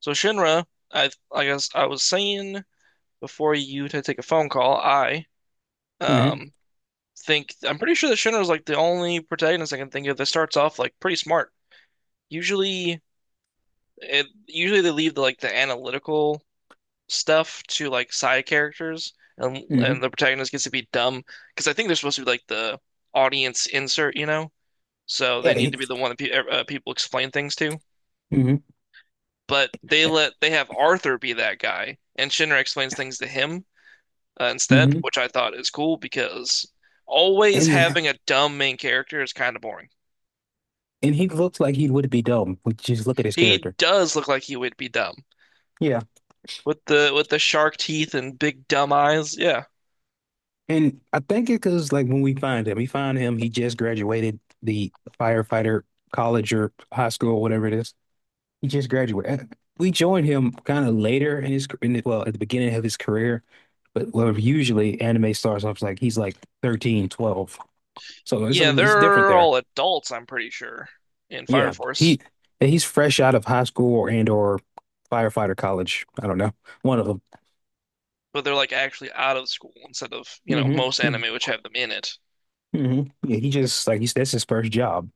So Shinra, I guess I was saying before you to take a phone call, I hmm um think I'm pretty sure that Shinra's like the only protagonist I can think of that starts off like pretty smart. Usually usually they leave the analytical stuff to like side characters and and hmm the protagonist gets to be dumb because I think they're supposed to be like the audience insert, you know? So they Yeah. need He, to be the one that pe people explain things to. hmm But they have Arthur be that guy and Shinra explains things to him instead, hmm which I thought is cool because always And having a dumb main character is kind of boring. and he looks like he would be dumb. We just look at his He character. does look like he would be dumb Yeah. With the shark teeth and big dumb eyes. Yeah. And I think it because like when we find him, we find him. He just graduated the firefighter college or high school or whatever it is. He just graduated. We join him kind of later in his well at the beginning of his career, but well, usually anime starts off like he's like 13, 12. So it's a Yeah, little it's different they're there. all adults, I'm pretty sure, in Fire Yeah, Force, he's fresh out of high school or firefighter college. I don't know, one of them. but they're like actually out of school instead of, you know, hmm most anime which have them in it. hmm Yeah, he just like he's that's his first job.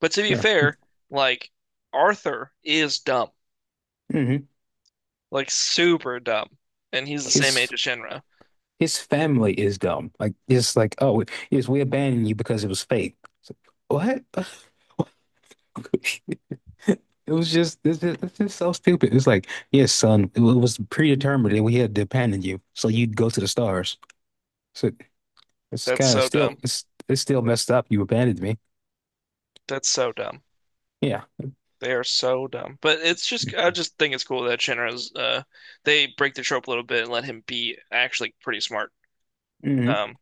But to be Yeah. fair, like Arthur is dumb, hmm like super dumb, and he's the same age His as Shinra. Family is dumb. Like it's like, oh, yes, we abandoned you because it was fake. It's like, what? It was just it's just so stupid. It's like, yes son, it was predetermined that we had to abandon you so you'd go to the stars. So it's That's kind of so dumb. still it's still messed up. You abandoned me. That's so dumb. Yeah. They are so dumb. But it's just I just think it's cool that Shinra's they break the trope a little bit and let him be actually pretty smart. hmm Um,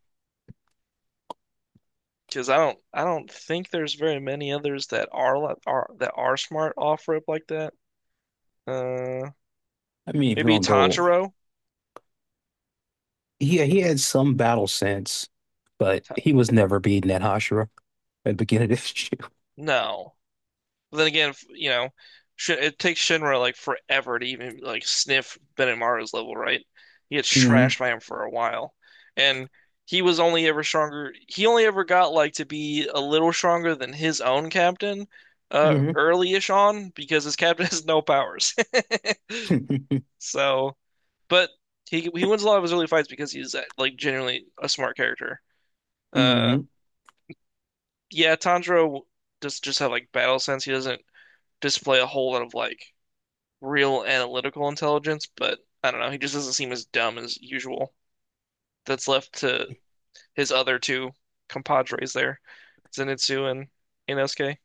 because I don't think there's very many others are that are smart off rope like that. Uh, I mean, if you Maybe want to go, Tanjiro? yeah, he had some battle sense, but Ta- he was never beating that Hashira at the beginning of this no. But then again, you know, it takes Shinra like forever to even like sniff Benamaru's level, right? He gets year. trashed by him for a while, and he was only ever stronger. He only ever got like to be a little stronger than his own captain, hmm early-ish on because his captain has no powers. hmm So, but he wins a lot of his early fights because he's like genuinely a smart character. Uh, hmm yeah, Tanjiro does just have like battle sense. He doesn't display a whole lot of like real analytical intelligence, but I don't know. He just doesn't seem as dumb as usual. That's left to his other two compadres there, Zenitsu and Inosuke.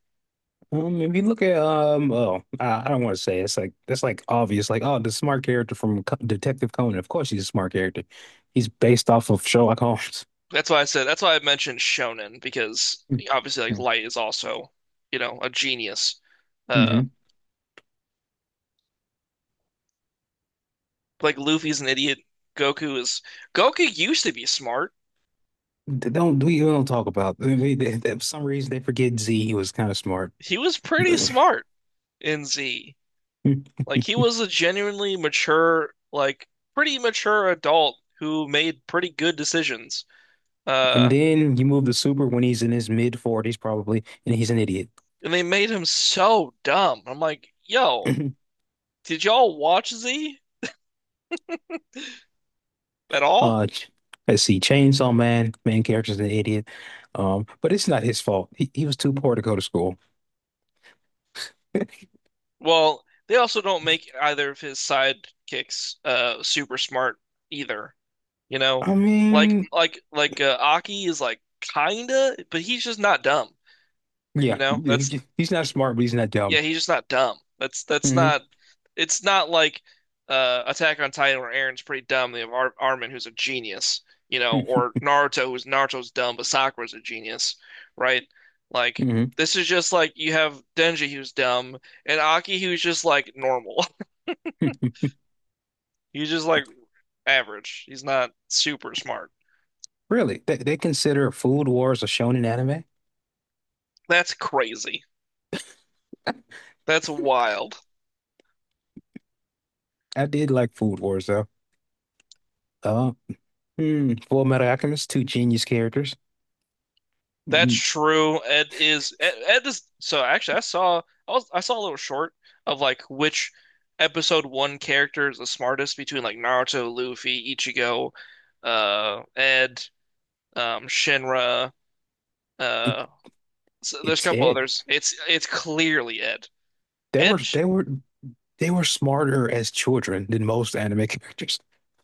If you look at, oh, I don't want to say it. It's like That's like obvious, like, oh, the smart character from Detective Conan. Of course, he's a smart character. He's based off of Sherlock Holmes. That's why I said, that's why I mentioned shonen because obviously like Light is also, you know, a genius. Uh Mm-hmm. like Luffy's an idiot. Goku is Goku used to be smart. Don't we don't talk about? I mean, for some reason, they forget Z was kind of smart. He was pretty smart in Z. Like he was a genuinely mature, like pretty mature adult who made pretty good decisions. And Uh, then you move the Super when he's in his mid 40s, probably, and he's an idiot. and they made him so dumb. I'm like, yo, did y'all watch Z at all? Uh, ch- let's see, Chainsaw Man, main character's an idiot. But it's not his fault. He was too poor to go to school. Well, they also don't make either of his sidekicks super smart either. You know, I like mean, Aki is like kinda, but he's just not dumb. You yeah, know, that's he's not smart, but he's not dumb. yeah, he's just not dumb. That's hmm not. It's not like Attack on Titan where Aaron's pretty dumb. They have Ar Armin who's a genius, you know, or Naruto's dumb, but Sakura's a genius, right? Like hmm this is just like you have Denji who's dumb and Aki who's just like normal. He's just like average. He's not super smart. Really, they consider Food Wars a shonen anime? That's crazy. That's wild. I did like Food Wars though. Uh, hmm, Full Metal Alchemist, two genius characters. That's Mm, true. Ed is so actually I saw I saw a little short of like which episode one character is the smartest between like Naruto, Luffy, Ichigo, Ed, Shinra, It, uh so there's a it's couple it. others. It's clearly Ed. They were Ed sh- they were they were smarter as children than most anime characters.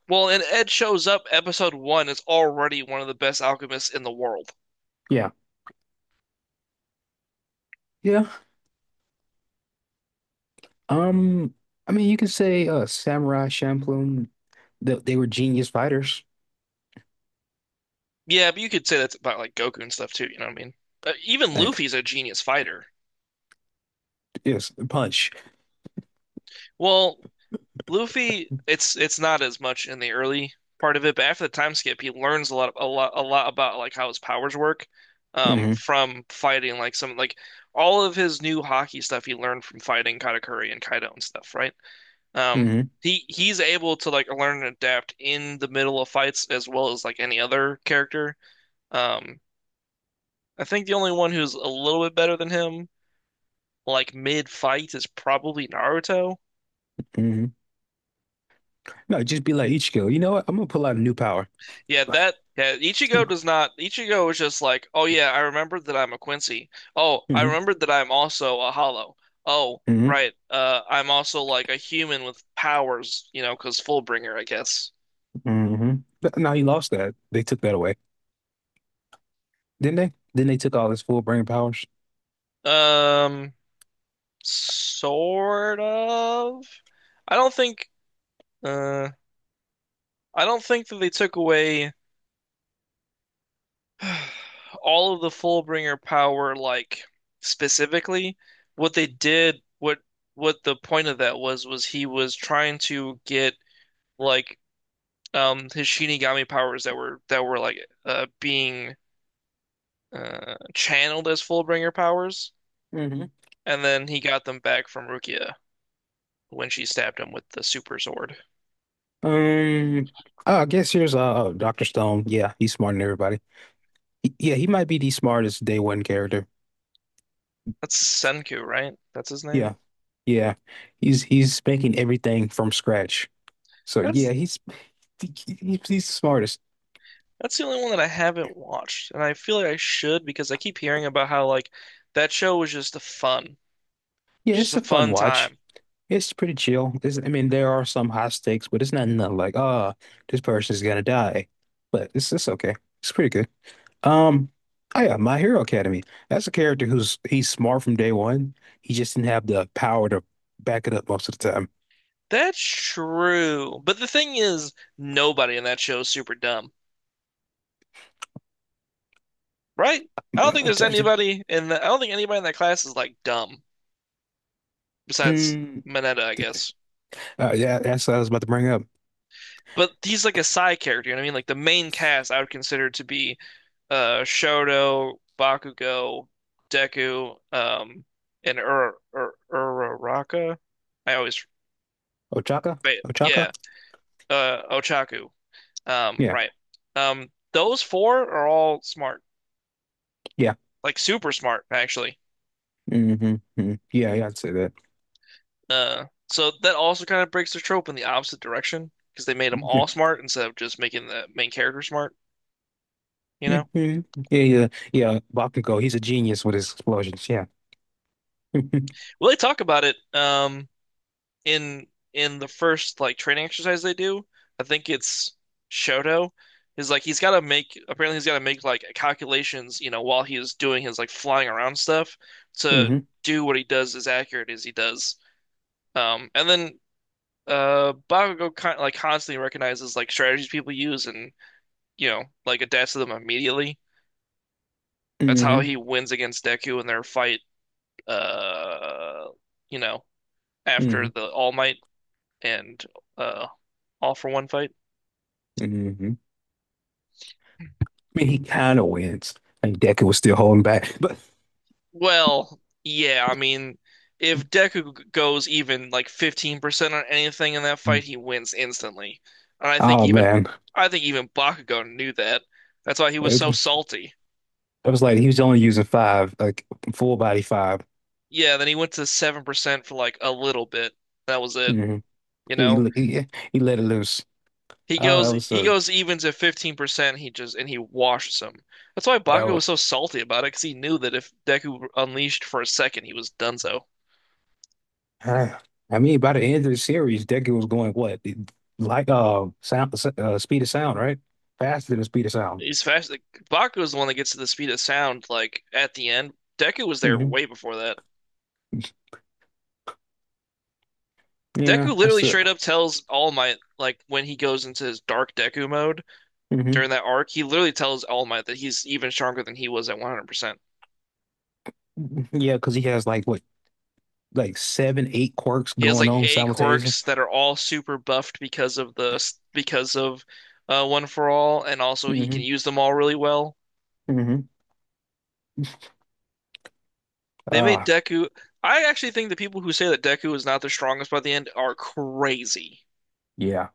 well, and Ed shows up episode one is already one of the best alchemists in the world. Yeah. Yeah. Um, I mean, you can say Samurai Champloo, they were genius fighters. Yeah, but you could say that's about like Goku and stuff too, you know what I mean? Even Like, Luffy's a genius fighter. yes, punch. Well, Luffy, it's not as much in the early part of it, but after the time skip, he learns a lot about like how his powers work hmm from fighting like some like all of his new hockey stuff he learned from fighting Katakuri and Kaido and stuff, right? Um hmm he he's able to like learn and adapt in the middle of fights as well as like any other character. Um I think the only one who's a little bit better than him like mid fight is probably Naruto. hmm No, just be like Ichigo. You know what? I'm gonna pull out a new power. Yeah, Ichigo does not Ichigo is just like, oh yeah, I remember that I'm a Quincy. Oh, I hmm remember that I'm also a Hollow. Oh, hmm right. I'm also like a human with powers, you know, because Fullbringer, I guess. hmm But now he lost that. They took that away, didn't they? Then they took all his full brain powers. Um Sort of. I don't think uh I don't think that they took away all of the Fullbringer power, like specifically, what they did, what the point of that was he was trying to get like his Shinigami powers that were like being channeled as Fullbringer powers, hmm and then he got them back from Rukia when she stabbed him with the super sword. Um, oh, I guess here's Dr. Stone. Yeah, he's smarter than everybody. Yeah, he might be the smartest day one character. That's Senku, right? That's his name. Yeah, yeah. He's making everything from scratch. So That's yeah, he- he's the smartest. That's the only one that I haven't watched, and I feel like I should because I keep hearing about how like that show was just Yeah, just it's a a fun fun watch. time. It's pretty chill. I mean, there are some high stakes, but it's not nothing like, ah, this person's gonna die. But it's okay. It's pretty good. Um, oh yeah, My Hero Academy. That's a character who's he's smart from day one. He just didn't have the power to back it up most of the time. That's true. But the thing is, nobody in that show is super dumb, right? Mm, mm, I don't think anybody in that class is like dumb besides mm. Mm, Mineta, I guess. Yeah, that's what I was about to bring up. But he's like a side character, you know what I mean? Like the main cast I would consider to be Shoto, Bakugo, Deku, and Ur Ur Uraraka. I always Ochaka? but Ochaka? Yeah, Ochaku. Um, Yeah. right. Um, those four are all smart. Yeah. Like super smart actually. hmm Yeah, yeah, I'd say that. So that also kind of breaks the trope in the opposite direction because they made them all smart instead of just making the main character smart, you Yeah. know? Yeah, yeah, yeah. Bakugo, he's a genius with his explosions. Yeah. hmm Well, they talk about it in in the first like training exercise they do, I think it's Shoto, is like he's got to make like calculations, you know, while he's doing his like flying around stuff to do what he does as accurate as he does. And then Bakugo kind like constantly recognizes like strategies people use and you know like adapts to them immediately. That's how hmm he wins against Deku in their fight. Uh, you know, after hmm the All Might and uh All for One fight. hmm I mean, he kind of wins. And Deku was still holding back, but Well, yeah, I mean, if Deku goes even like 15% on anything in that fight, he wins instantly. And oh man, I think even Bakugo knew that. That's why he was so it, salty. it was like he was only using five, like full body 5. Yeah, then he went to 7% for like a little bit. That was it, Mm-hmm. you He, know? he he let it loose. Oh, that was He a goes even to 15%, he just and he washes him. That's why that Bakugo was, was so salty about it, because he knew that if Deku unleashed for a second, he was donezo. Uh, I mean, by the end of the series, Deku was going what? Like speed of sound, right? Faster than the speed of sound. He's fast. Like, Baku is the one that gets to the speed of sound, like, at the end. Deku was there hmm way before that. Yeah, Deku literally that's it. straight up tells All Might, like, when he goes into his dark Deku mode hmm during that arc, he literally tells All Might that he's even stronger than he was at 100%. Yeah, because he has like what, like seven, eight quirks He has, going like, on eight simultaneously. quirks that are all super buffed because of because of One for All, and also he can hmm use them all really well. hmm They made Uh, Deku. I actually think the people who say that Deku is not the strongest by the end are crazy. yeah.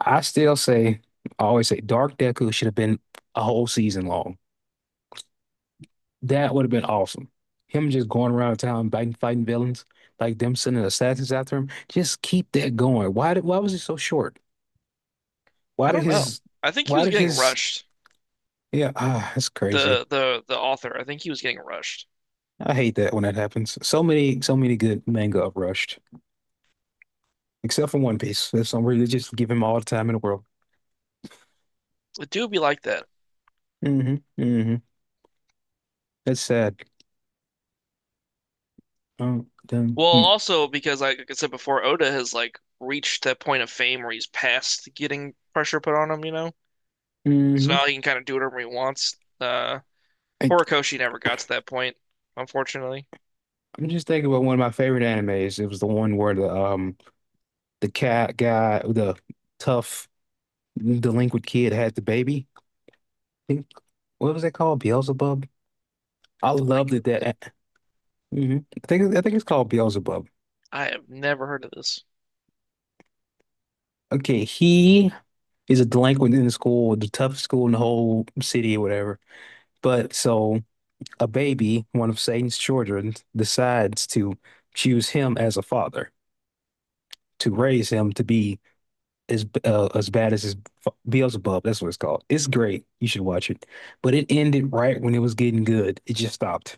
I still say, I always say, Dark Deku should have been a whole season long. That would have been awesome. Him just going around town fighting, fighting villains, like them sending assassins after him. Just keep that going. Why was it so short? I Why did don't know. his, I think he why was did getting his, rushed. yeah, ah, that's crazy. The author. I think he was getting rushed. I hate that when that happens. So many, so many good manga uprushed, except for One Piece. That's something they just give him all the time in the world. It do be like that. mm hmm mm hmm That's sad. Oh, done. Well, also because like I said before, Oda has like reached that point of fame where he's past getting pressure put on him, you know? So Mm-hmm. now he can kind of do whatever he wants. I, Horikoshi never got to that point, unfortunately. I'm just thinking about one of my favorite animes. It was the one where the cat guy, the tough delinquent kid had the baby. I think what was that called? Beelzebub. I loved it Delinquent. that. I think it's called Beelzebub. I have never heard of this. Okay, he's a delinquent in the school, the toughest school in the whole city or whatever. But so a baby, one of Satan's children, decides to choose him as a father to raise him to be as bad as Beelzebub. That's what it's called. It's great. You should watch it. But it ended right when it was getting good. It just stopped.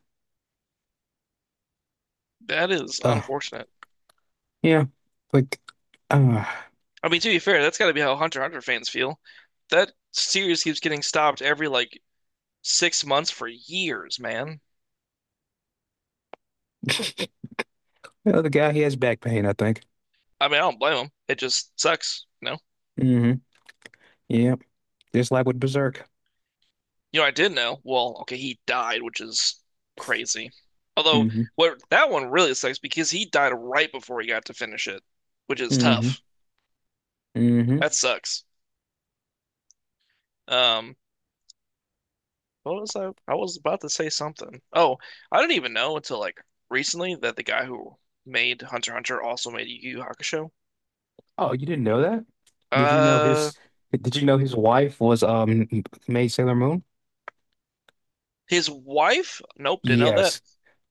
That is Uh, unfortunate. yeah, like uh, I mean, to be fair, that's got to be how Hunter x Hunter fans feel. That series keeps getting stopped every like 6 months for years, man. the other guy, he has back pain, I think. I mean, I don't blame them. It just sucks, no. hmm Yeah, just like with Berserk. You know, I did know. Well, okay, he died, which is crazy. Although, hmm what that one really sucks because he died right before he got to finish it, which is hmm tough. hmm That sucks. Um, what was I? I was about to say something. Oh, I didn't even know until like recently that the guy who made Hunter x Hunter also made Yu Yu Hakusho. Oh, you didn't know that? Did you know Uh, his did you know his wife was Maid Sailor Moon? his wife? Nope, didn't know that. Yes.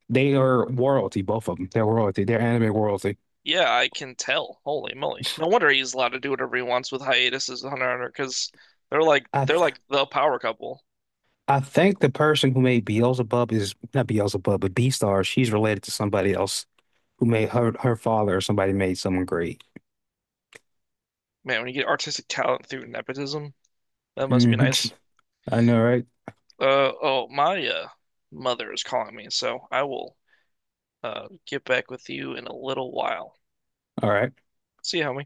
They are royalty, both of them. They're royalty. They're anime royalty. Yeah, I can tell. Holy moly! No wonder he's allowed to do whatever he wants with hiatuses with Hunter x Hunter because I they're th like the power couple. I think the person who made Beelzebub is not Beelzebub, but Beastars. She's related to somebody else who made her father or somebody made someone great. Man, when you get artistic talent through nepotism, that must be Mhm. nice. I know, right? Oh, my mother is calling me, so I will get back with you in a little while. All right. See you, homie.